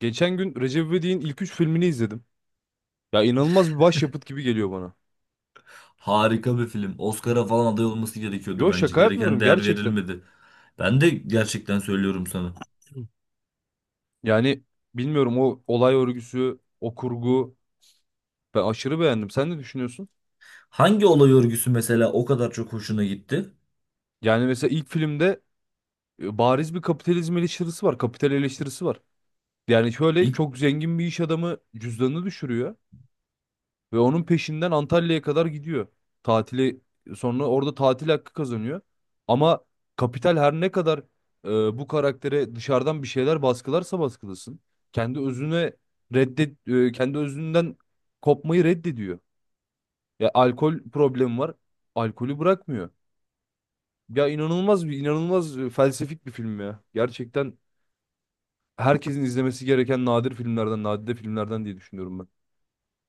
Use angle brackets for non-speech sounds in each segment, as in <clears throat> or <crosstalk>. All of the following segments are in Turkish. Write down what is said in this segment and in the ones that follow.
Geçen gün Recep İvedik'in ilk üç filmini izledim. Ya inanılmaz bir başyapıt gibi geliyor bana. Harika bir film. Oscar'a falan aday olması gerekiyordu Yo bence. şaka Gereken yapmıyorum değer gerçekten. verilmedi. Ben de gerçekten söylüyorum sana. Yani bilmiyorum o olay örgüsü, o kurgu ben aşırı beğendim. Sen ne düşünüyorsun? Hangi olay örgüsü mesela o kadar çok hoşuna gitti? Yani mesela ilk filmde bariz bir kapitalizm eleştirisi var, kapital eleştirisi var. Yani şöyle İlk çok zengin bir iş adamı cüzdanını düşürüyor. Ve onun peşinden Antalya'ya kadar gidiyor. Tatili sonra orada tatil hakkı kazanıyor. Ama kapital her ne kadar e, bu karaktere dışarıdan bir şeyler baskılarsa baskılasın. Kendi özüne kendi özünden kopmayı reddediyor. Ya alkol problemi var. Alkolü bırakmıyor. Ya inanılmaz bir felsefik bir film ya. Gerçekten herkesin izlemesi gereken nadir filmlerden, nadide filmlerden diye düşünüyorum ben.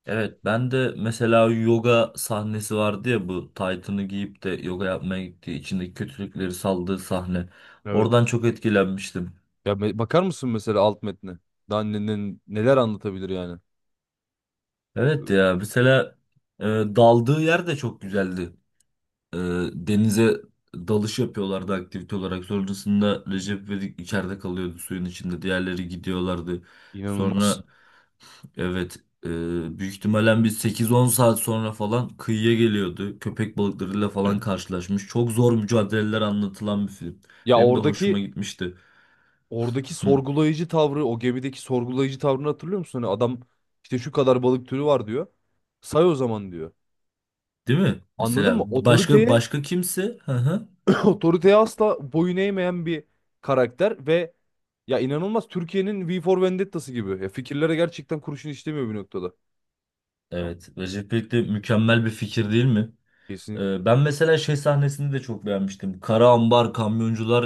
evet, ben de mesela yoga sahnesi vardı ya, bu taytını giyip de yoga yapmaya gittiği içindeki kötülükleri saldığı sahne. Evet. Oradan çok etkilenmiştim. Ya bakar mısın mesela alt metne? Daha neler anlatabilir yani? Evet, Ee, ya mesela daldığı yer de çok güzeldi. E, denize dalış yapıyorlardı aktivite olarak. Sonrasında Recep İvedik içeride kalıyordu, suyun içinde. Diğerleri gidiyorlardı. İnanılmaz. Sonra, evet, e, büyük ihtimalle bir sekiz on saat sonra falan kıyıya geliyordu. Köpek balıklarıyla falan <clears throat> karşılaşmış. Çok zor mücadeleler anlatılan bir film. Ya Benim de hoşuma oradaki gitmişti. oradaki Hı. sorgulayıcı tavrı, o gemideki sorgulayıcı tavrını hatırlıyor musun? Hani adam işte şu kadar balık türü var diyor. Say o zaman diyor. Değil mi? Anladın Mesela mı? başka Otoriteye başka kimse? Hı hı. <clears throat> otoriteye asla boyun eğmeyen bir karakter ve ya inanılmaz Türkiye'nin V for Vendetta'sı gibi. Ya fikirlere gerçekten kurşun işlemiyor bir noktada. Evet. Recep İvedik de mükemmel bir fikir, değil mi? Kesinlikle. Ben mesela şey sahnesini de çok beğenmiştim. Kara Ambar Kamyoncular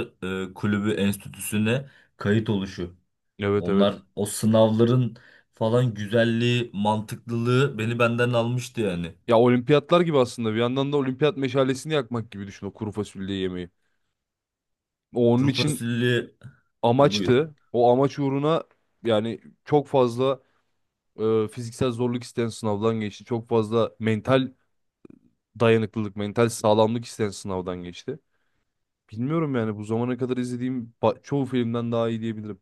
Kulübü Enstitüsü'ne kayıt oluşu. Evet, Onlar, evet. o sınavların falan güzelliği, mantıklılığı beni benden almıştı yani. Ya olimpiyatlar gibi aslında bir yandan da olimpiyat meşalesini yakmak gibi düşün o kuru fasulye yemeği. O onun Kuru için fasulye... Ha, buyur. amaçtı. O amaç uğruna yani çok fazla fiziksel zorluk isteyen sınavdan geçti. Çok fazla mental dayanıklılık, mental sağlamlık isteyen sınavdan geçti. Bilmiyorum yani bu zamana kadar izlediğim çoğu filmden daha iyi diyebilirim.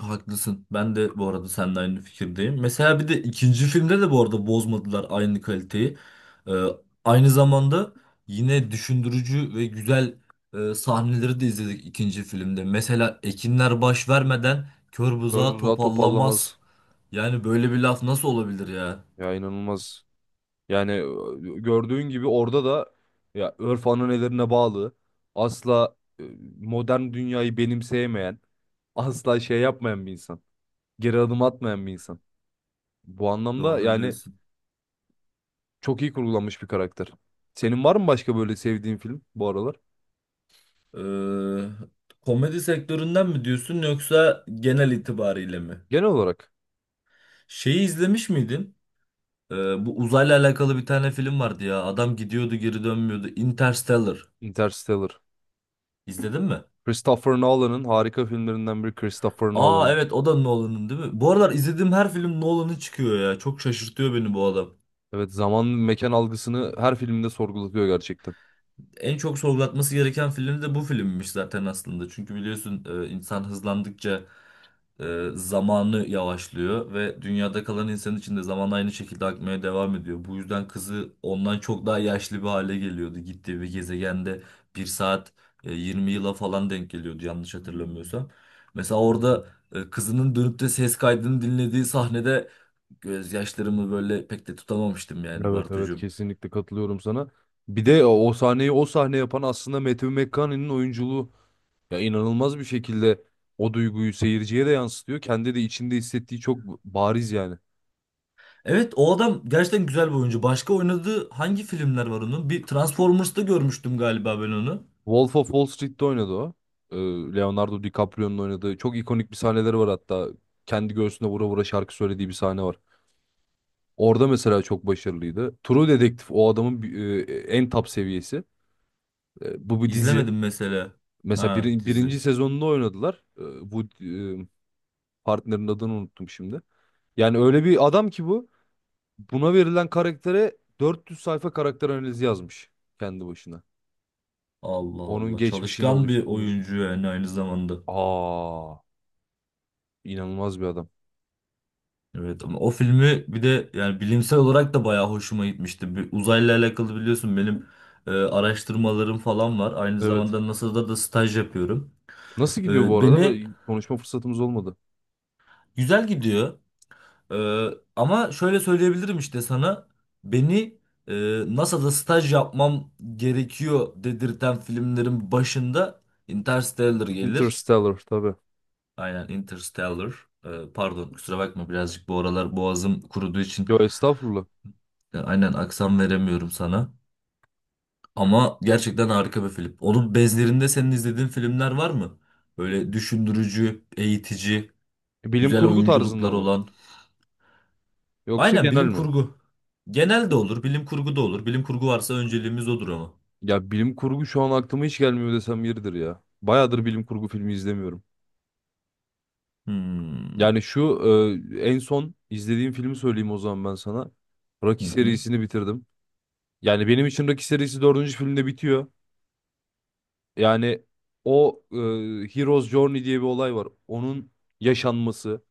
Haklısın. Ben de bu arada seninle aynı fikirdeyim. Mesela bir de ikinci filmde de bu arada bozmadılar aynı kaliteyi. Ee, Aynı zamanda yine düşündürücü ve güzel sahneleri de izledik ikinci filmde. Mesela ekinler baş vermeden kör Böyle buzağı buzdağı topallamaz. topallamaz. Yani böyle bir laf nasıl olabilir ya? Ya inanılmaz. Yani gördüğün gibi orada da ya örf ananelerine bağlı, asla modern dünyayı benimseyemeyen, asla şey yapmayan bir insan. Geri adım atmayan bir insan. Bu anlamda Doğru yani diyorsun. çok iyi kurgulanmış bir karakter. Senin var mı başka böyle sevdiğin film bu aralar? Ee, Komedi sektöründen mi diyorsun yoksa genel itibariyle mi? Genel olarak Şeyi izlemiş miydin? Bu uzayla alakalı bir tane film vardı ya. Adam gidiyordu, geri dönmüyordu. Interstellar. Interstellar. İzledin mi? Christopher Nolan'ın harika filmlerinden biri Christopher Aa, Nolan'ın. evet, o da Nolan'ın, değil mi? Bu aralar izlediğim her film Nolan'ın çıkıyor ya. Çok şaşırtıyor beni bu adam. Evet, zaman mekan algısını her filminde sorgulatıyor gerçekten. En çok sorgulatması gereken film de bu filmmiş zaten aslında. Çünkü biliyorsun, insan hızlandıkça zamanı yavaşlıyor ve dünyada kalan insan için de zaman aynı şekilde akmaya devam ediyor. Bu yüzden kızı ondan çok daha yaşlı bir hale geliyordu. Gittiği bir gezegende bir saat 20 yıla falan denk geliyordu, yanlış hatırlamıyorsam. Mesela orada kızının dönüp de ses kaydını dinlediği sahnede gözyaşlarımı böyle pek de tutamamıştım yani, Evet, evet, Bartucuğum. kesinlikle katılıyorum sana. Bir de o sahneyi o sahne yapan aslında Matthew McConaughey'nin oyunculuğu, ya inanılmaz bir şekilde o duyguyu seyirciye de yansıtıyor. Kendi de içinde hissettiği çok bariz yani. Evet, o adam gerçekten güzel bir oyuncu. Başka oynadığı hangi filmler var onun? Bir Transformers'ta görmüştüm galiba ben onu. Wolf of Wall Street'te oynadı o. Ee, Leonardo DiCaprio'nun oynadığı çok ikonik bir sahneleri var hatta. Kendi göğsüne vura vura şarkı söylediği bir sahne var. Orada mesela çok başarılıydı. True Detective o adamın en top seviyesi. E, Bu bir dizi. İzlemedim mesela. Mesela Ha, dizi. birinci sezonunda oynadılar. E, Bu partnerin adını unuttum şimdi. Yani öyle bir adam ki bu. Buna verilen karaktere 400 sayfa karakter analizi yazmış kendi başına. Allah Onun Allah. geçmişini Çalışkan bir oluşturmuş. oyuncu yani, aynı zamanda. Aa, inanılmaz bir adam. Evet, ama o filmi bir de yani bilimsel olarak da bayağı hoşuma gitmişti. Bir uzayla alakalı biliyorsun, benim araştırmalarım falan var. Aynı Evet. zamanda NASA'da da staj yapıyorum. Nasıl gidiyor bu E, arada? beni Böyle konuşma fırsatımız olmadı. Güzel gidiyor. Ee, Ama şöyle söyleyebilirim işte sana, beni e, NASA'da staj yapmam gerekiyor dedirten filmlerin başında Interstellar gelir. Interstellar tabii. Aynen, Interstellar. Pardon, kusura bakma, birazcık bu aralar boğazım kuruduğu için Yo estağfurullah. Aynen aksan veremiyorum sana. Ama gerçekten harika bir film. Onun bezlerinde senin izlediğin filmler var mı? Böyle düşündürücü, eğitici, E, Bilim güzel kurgu tarzında oyunculuklar mı? olan. Yoksa Aynen, genel bilim mi? kurgu. Genel de olur, bilim kurgu da olur. Bilim kurgu varsa önceliğimiz odur ama. Ya bilim kurgu şu an aklıma hiç gelmiyor desem yeridir ya. Bayağıdır bilim kurgu filmi izlemiyorum. Hmm. Yani şu en son izlediğim filmi söyleyeyim o zaman ben sana. Rocky Hı hı. serisini bitirdim. Yani benim için Rocky serisi dördüncü filmde bitiyor. Yani o e, Hero's Journey diye bir olay var. Onun yaşanması.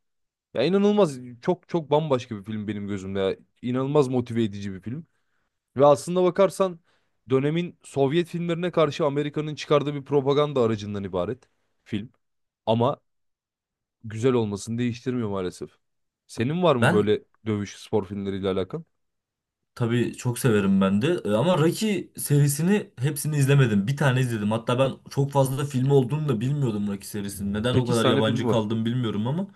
Ya inanılmaz, çok çok bambaşka bir film benim gözümde. Ya. İnanılmaz motive edici bir film. Ve aslında bakarsan dönemin Sovyet filmlerine karşı Amerika'nın çıkardığı bir propaganda aracından ibaret film. Ama güzel olmasını değiştirmiyor maalesef. Senin var mı Ben böyle dövüş spor filmleriyle alakan? Tabii çok severim ben de. Ama Rocky serisini hepsini izlemedim. Bir tane izledim. Hatta ben çok fazla da filmi olduğunu da bilmiyordum Rocky serisinin. Neden o 8 kadar tane filmi yabancı var. kaldım bilmiyorum ama.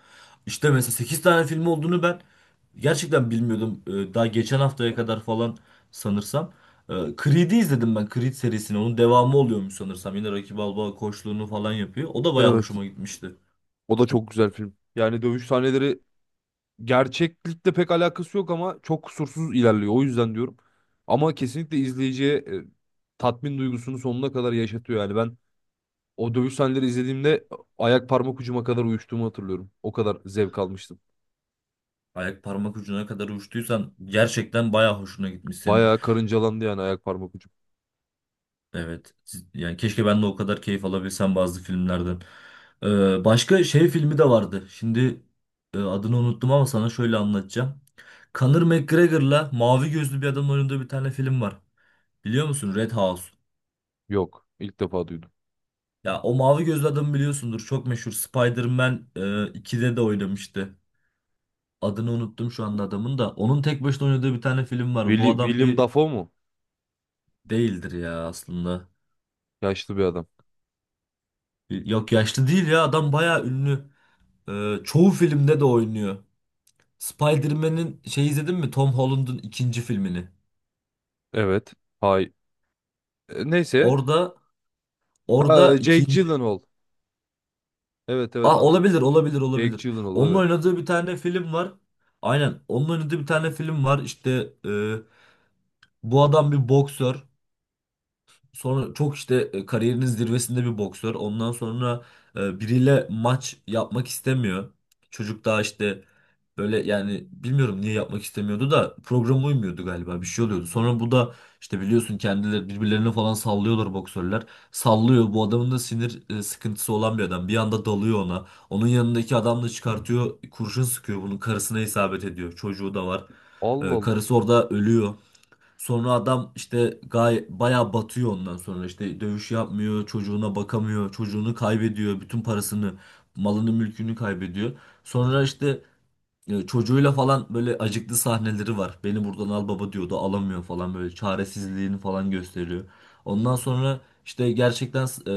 İşte mesela 8 tane film olduğunu ben gerçekten bilmiyordum. Daha geçen haftaya kadar falan sanırsam. E, Creed'i izledim ben, Creed serisini. Onun devamı oluyormuş sanırsam. Yine Rocky Balboa koçluğunu falan yapıyor. O da bayağı Evet. hoşuma gitmişti. O da çok güzel film. Yani dövüş sahneleri gerçeklikle pek alakası yok ama çok kusursuz ilerliyor. O yüzden diyorum. Ama kesinlikle izleyiciye tatmin duygusunu sonuna kadar yaşatıyor. Yani ben o dövüş sahneleri izlediğimde ayak parmak ucuma kadar uyuştuğumu hatırlıyorum. O kadar zevk almıştım. Ayak parmak ucuna kadar uçtuysan gerçekten bayağı hoşuna gitmiş senin. Bayağı karıncalandı yani ayak parmak ucum. Evet. Yani keşke ben de o kadar keyif alabilsem bazı filmlerden. Başka şey filmi de vardı. Şimdi adını unuttum ama sana şöyle anlatacağım. Conor McGregor'la mavi gözlü bir adamın oynadığı bir tane film var. Biliyor musun? Red House. Yok, ilk defa duydum. Ya, o mavi gözlü adamı biliyorsundur. Çok meşhur. Spider-Man 2'de de oynamıştı. Adını unuttum şu anda adamın da. Onun tek başına oynadığı bir tane film var. Bu adam William bir Dafoe mu? değildir ya aslında. Yaşlı bir adam. Yok, yaşlı değil ya. Adam bayağı ünlü. Çoğu filmde de oynuyor. Spider-Man'in şey izledin mi? Tom Holland'ın ikinci filmini. Evet. Hay. E, Neyse. Orada orada Jake ikinci... Gyllenhaal. Evet, evet, Ah, anladım. olabilir olabilir Jake olabilir. Gyllenhaal, Onun evet. oynadığı bir tane film var. Aynen, onun oynadığı bir tane film var. İşte e, bu adam bir boksör. Sonra çok işte, kariyerinin zirvesinde bir boksör. Ondan sonra biriyle maç yapmak istemiyor. Çocuk daha işte böyle, yani bilmiyorum niye yapmak istemiyordu, da programa uymuyordu galiba, bir şey oluyordu. Sonra bu da işte biliyorsun, kendileri birbirlerine falan sallıyorlar boksörler. Sallıyor, bu adamın da sinir sıkıntısı olan bir adam. Bir anda dalıyor ona. Onun yanındaki adam da çıkartıyor, kurşun sıkıyor, bunun karısına isabet ediyor. Çocuğu da var. Allah Allah. Karısı orada ölüyor. Sonra adam işte gay, bayağı batıyor. Ondan sonra işte dövüş yapmıyor, çocuğuna bakamıyor, çocuğunu kaybediyor, bütün parasını, malını, mülkünü kaybediyor. Sonra işte çocuğuyla falan böyle acıklı sahneleri var. Beni buradan al baba diyordu, alamıyor falan, böyle çaresizliğini falan gösteriyor. Ondan sonra işte gerçekten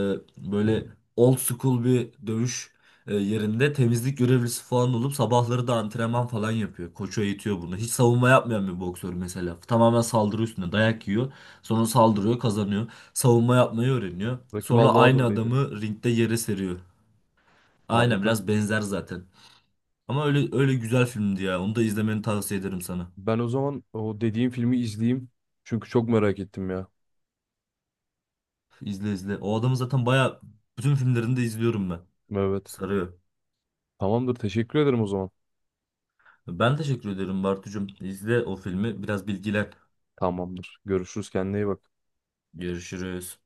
böyle old school bir dövüş yerinde temizlik görevlisi falan olup sabahları da antrenman falan yapıyor. Koçu eğitiyor bunu. Hiç savunma yapmayan bir boksör mesela. Tamamen saldırı üstüne dayak yiyor. Sonra saldırıyor, kazanıyor. Savunma yapmayı öğreniyor. Rocky Sonra Balboa da aynı öyleydi. adamı ringde yere seriyor. Aynen, Harika. biraz benzer zaten. Ama öyle öyle güzel filmdi ya. Onu da izlemeni tavsiye ederim sana. Ben o zaman o dediğim filmi izleyeyim. Çünkü çok merak ettim ya. İzle, izle. O adamı zaten baya, bütün filmlerini de izliyorum ben. Evet. Sarıyor. Tamamdır. Teşekkür ederim o zaman. Ben teşekkür ederim Bartucuğum. İzle o filmi. Biraz bilgilen. Tamamdır. Görüşürüz. Kendine iyi bak. Görüşürüz.